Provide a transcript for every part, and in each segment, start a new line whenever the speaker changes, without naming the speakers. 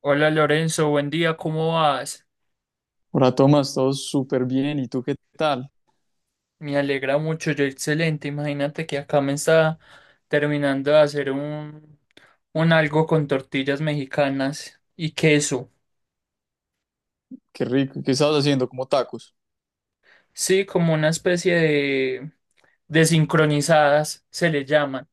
Hola Lorenzo, buen día, ¿cómo vas?
Hola Tomás, todo súper bien. ¿Y tú qué tal?
Me alegra mucho, yo excelente. Imagínate que acá me está terminando de hacer un algo con tortillas mexicanas y queso.
Qué rico. ¿Qué estabas haciendo? Como tacos.
Sí, como una especie de desincronizadas se le llaman.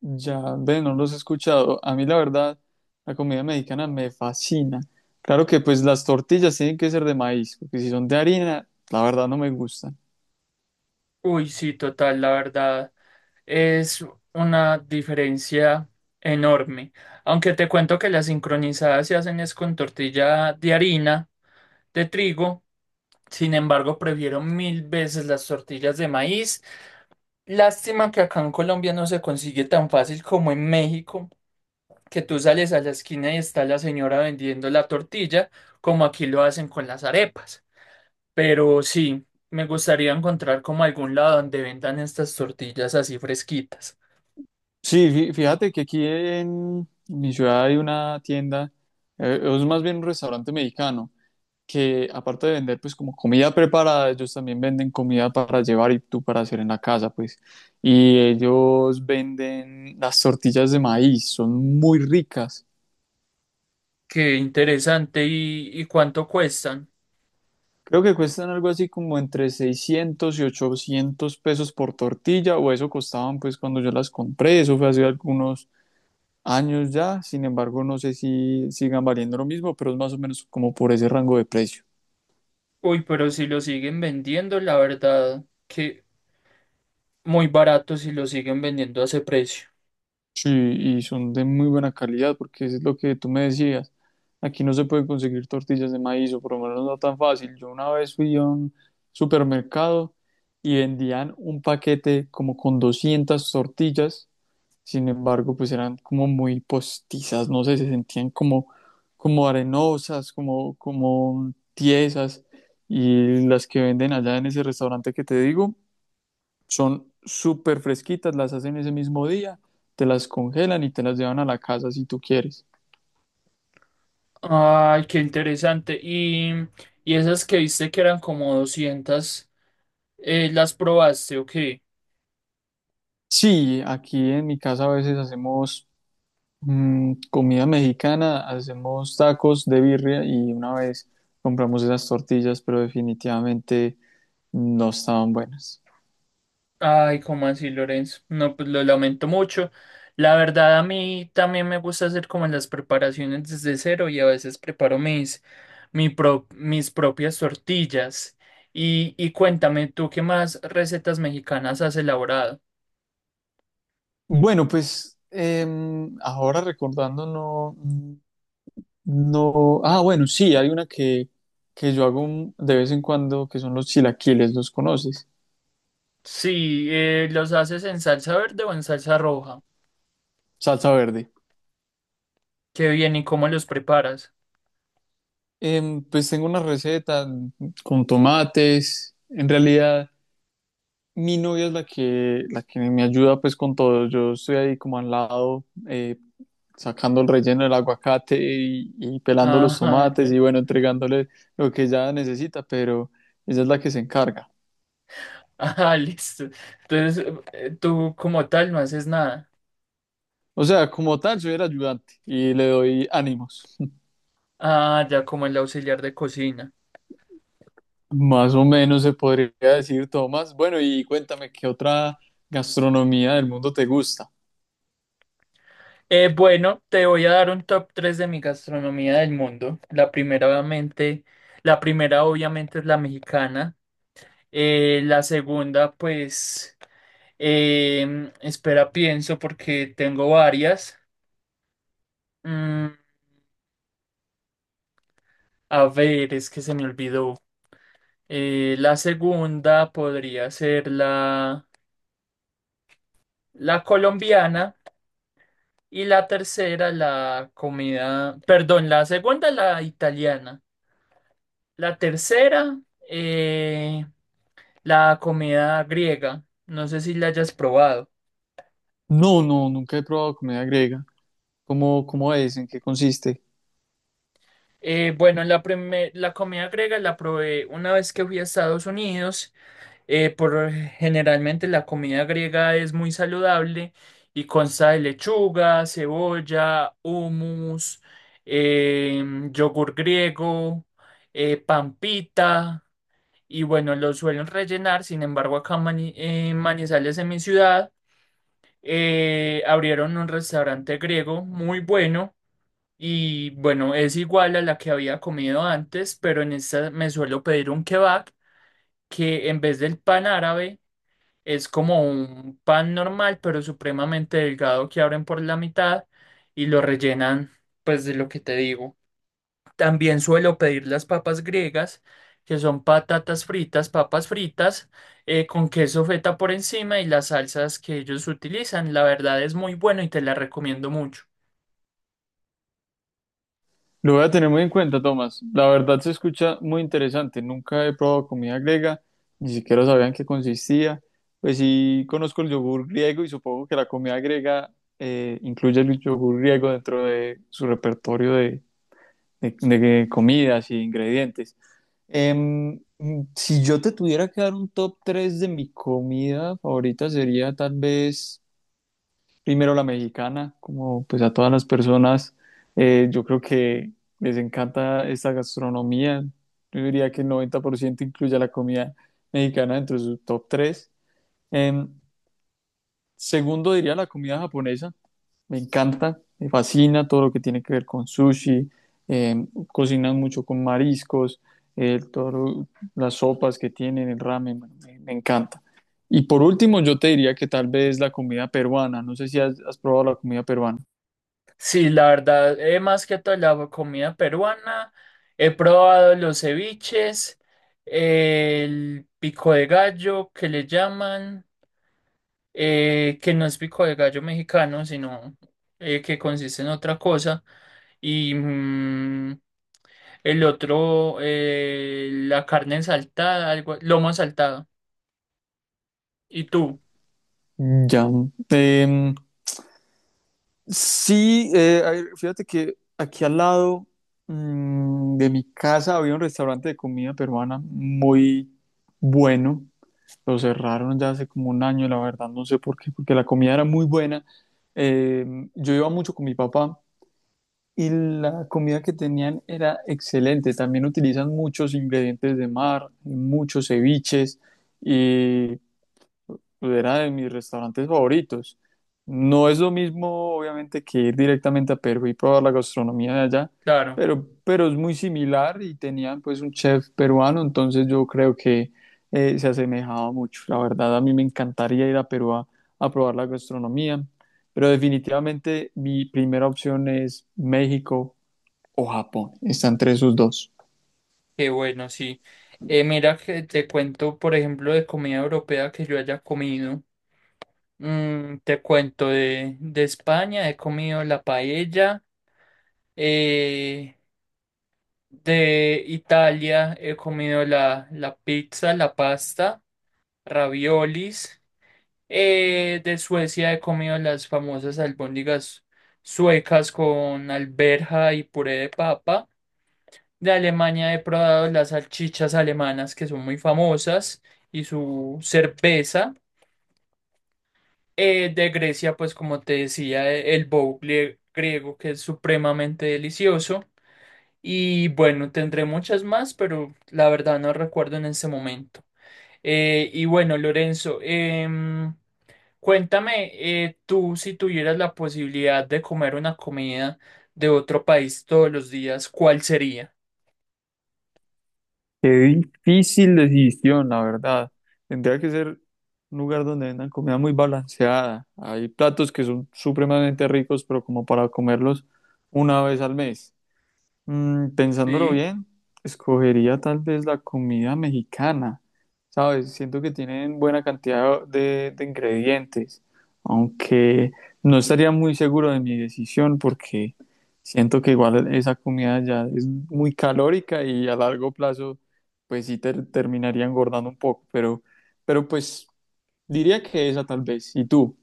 Ya, ve, no los he escuchado. A mí la verdad, la comida mexicana me fascina. Claro que pues las tortillas tienen que ser de maíz, porque si son de harina, la verdad no me gustan.
Uy, sí, total, la verdad. Es una diferencia enorme. Aunque te cuento que las sincronizadas se hacen es con tortilla de harina, de trigo. Sin embargo, prefiero mil veces las tortillas de maíz. Lástima que acá en Colombia no se consigue tan fácil como en México, que tú sales a la esquina y está la señora vendiendo la tortilla, como aquí lo hacen con las arepas. Pero sí, me gustaría encontrar como algún lado donde vendan estas tortillas así fresquitas.
Sí, fíjate que aquí en mi ciudad hay una tienda, es más bien un restaurante mexicano que aparte de vender pues como comida preparada, ellos también venden comida para llevar y tú para hacer en la casa pues. Y ellos venden las tortillas de maíz, son muy ricas.
Qué interesante. ¿Y cuánto cuestan?
Creo que cuestan algo así como entre 600 y 800 pesos por tortilla, o eso costaban pues cuando yo las compré. Eso fue hace algunos años ya, sin embargo no sé si sigan valiendo lo mismo, pero es más o menos como por ese rango de precio.
Uy, pero si lo siguen vendiendo, la verdad que muy barato si lo siguen vendiendo a ese precio.
Sí, y son de muy buena calidad, porque es lo que tú me decías. Aquí no se pueden conseguir tortillas de maíz, o por lo menos no tan fácil. Yo una vez fui a un supermercado y vendían un paquete como con 200 tortillas, sin embargo, pues eran como muy postizas, no sé, se sentían como, como arenosas, como, como tiesas. Y las que venden allá en ese restaurante que te digo, son súper fresquitas, las hacen ese mismo día, te las congelan y te las llevan a la casa si tú quieres.
Ay, qué interesante. Y esas que viste que eran como 200 ¿las probaste o qué?
Sí, aquí en mi casa a veces hacemos comida mexicana, hacemos tacos de birria y una vez compramos esas tortillas, pero definitivamente no estaban buenas.
Ay, ¿cómo así, Lorenzo? No, pues lo lamento mucho. La verdad, a mí también me gusta hacer como las preparaciones desde cero y a veces preparo mis propias tortillas. Y cuéntame, ¿tú qué más recetas mexicanas has elaborado?
Bueno, pues ahora recordando, no, no, ah, bueno, sí, hay una que yo hago de vez en cuando, que son los chilaquiles, ¿los conoces?
Sí, ¿los haces en salsa verde o en salsa roja?
Salsa verde.
Qué bien, ¿y cómo los preparas?
Pues tengo una receta con tomates. En realidad, mi novia es la que me ayuda pues con todo. Yo estoy ahí como al lado, sacando el relleno del aguacate y pelando los
Ah,
tomates
ya.
y bueno, entregándole lo que ella necesita, pero ella es la que se encarga.
Ah, listo. Entonces, tú como tal no haces nada.
O sea, como tal, soy el ayudante y le doy ánimos.
Ah, ya como el auxiliar de cocina.
Más o menos se podría decir, Tomás. Bueno, y cuéntame, ¿qué otra gastronomía del mundo te gusta?
Bueno, te voy a dar un top 3 de mi gastronomía del mundo. La primera obviamente es la mexicana. La segunda, pues, espera, pienso porque tengo varias. Mm, a ver, es que se me olvidó. La segunda podría ser la colombiana y la tercera, la comida, perdón, la segunda, la italiana. La tercera, eh, la comida griega. No sé si la hayas probado.
No, no, nunca he probado comida griega. ¿Cómo, cómo es? ¿En qué consiste?
Bueno, la comida griega la probé una vez que fui a Estados Unidos. Por generalmente la comida griega es muy saludable y consta de lechuga, cebolla, hummus, eh, yogur griego, pampita y bueno, lo suelen rellenar. Sin embargo, acá en Manizales, en mi ciudad, abrieron un restaurante griego muy bueno. Y bueno, es igual a la que había comido antes, pero en esta me suelo pedir un kebab que en vez del pan árabe es como un pan normal, pero supremamente delgado que abren por la mitad y lo rellenan pues de lo que te digo. También suelo pedir las papas griegas, que son patatas fritas, papas fritas, con queso feta por encima y las salsas que ellos utilizan. La verdad es muy bueno y te la recomiendo mucho.
Lo voy a tener muy en cuenta, Tomás. La verdad se escucha muy interesante. Nunca he probado comida griega, ni siquiera sabía en qué consistía. Pues sí, conozco el yogur griego y supongo que la comida griega incluye el yogur griego dentro de su repertorio de- de comidas y ingredientes. Em, si yo te tuviera que dar un top 3 de mi comida favorita, sería tal vez primero la mexicana, como pues a todas las personas, yo creo que les encanta esta gastronomía. Yo diría que el 90% incluye a la comida mexicana dentro de su top 3. Segundo diría la comida japonesa, me encanta, me fascina todo lo que tiene que ver con sushi, eh, cocinan mucho con mariscos, eh, todo lo- las sopas que tienen, el ramen, bueno, me encanta. Y por último, yo te diría que tal vez la comida peruana. No sé si has probado la comida peruana.
Sí, la verdad, más que todo la comida peruana, he probado los ceviches, el pico de gallo que le llaman, que no es pico de gallo mexicano, sino que consiste en otra cosa, y el otro, la carne saltada, algo, lomo saltado. ¿Y tú?
Ya. Em, sí, a ver, fíjate que aquí al lado de mi casa había un restaurante de comida peruana muy bueno. Lo cerraron ya hace como un año, la verdad, no sé por qué, porque la comida era muy buena. Yo iba mucho con mi papá y la comida que tenían era excelente. También utilizan muchos ingredientes de mar, muchos ceviches, era de mis restaurantes favoritos. No es lo mismo, obviamente, que ir directamente a Perú y probar la gastronomía de allá,
Claro,
pero es muy similar y tenían pues un chef peruano, entonces yo creo que se asemejaba mucho. La verdad, a mí me encantaría ir a Perú a probar la gastronomía, pero definitivamente mi primera opción es México o Japón. Están entre esos dos.
qué bueno, sí. Mira que te cuento, por ejemplo, de comida europea que yo haya comido. Te cuento de España, he comido la paella. eh, de Italia he comido la pizza, la pasta, raviolis. De Suecia he comido las famosas albóndigas suecas con alberja y puré de papa. De Alemania he probado las salchichas alemanas que son muy famosas y su cerveza. De Grecia, pues como te decía, el boucle griego que es supremamente delicioso. Y bueno, tendré muchas más, pero la verdad no recuerdo en este momento. Y bueno, Lorenzo, cuéntame, tú si tuvieras la posibilidad de comer una comida de otro país todos los días, ¿cuál sería?
Qué difícil decisión, la verdad. Tendría que ser un lugar donde vendan comida muy balanceada. Hay platos que son supremamente ricos, pero como para comerlos una vez al mes. Pensándolo
Sí.
bien, escogería tal vez la comida mexicana, ¿sabes? Siento que tienen buena cantidad de ingredientes, aunque no estaría muy seguro de mi decisión porque siento que igual esa comida ya es muy calórica y a largo plazo pues sí terminaría engordando un poco, pero, pues diría que esa tal vez. ¿Y tú?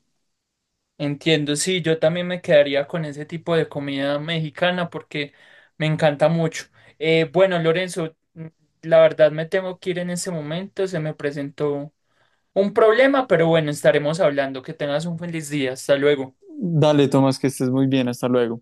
Entiendo, sí, yo también me quedaría con ese tipo de comida mexicana porque me encanta mucho. Bueno, Lorenzo, la verdad me tengo que ir en ese momento, se me presentó un problema, pero bueno, estaremos hablando. Que tengas un feliz día, hasta luego.
Dale, Tomás, que estés muy bien, hasta luego.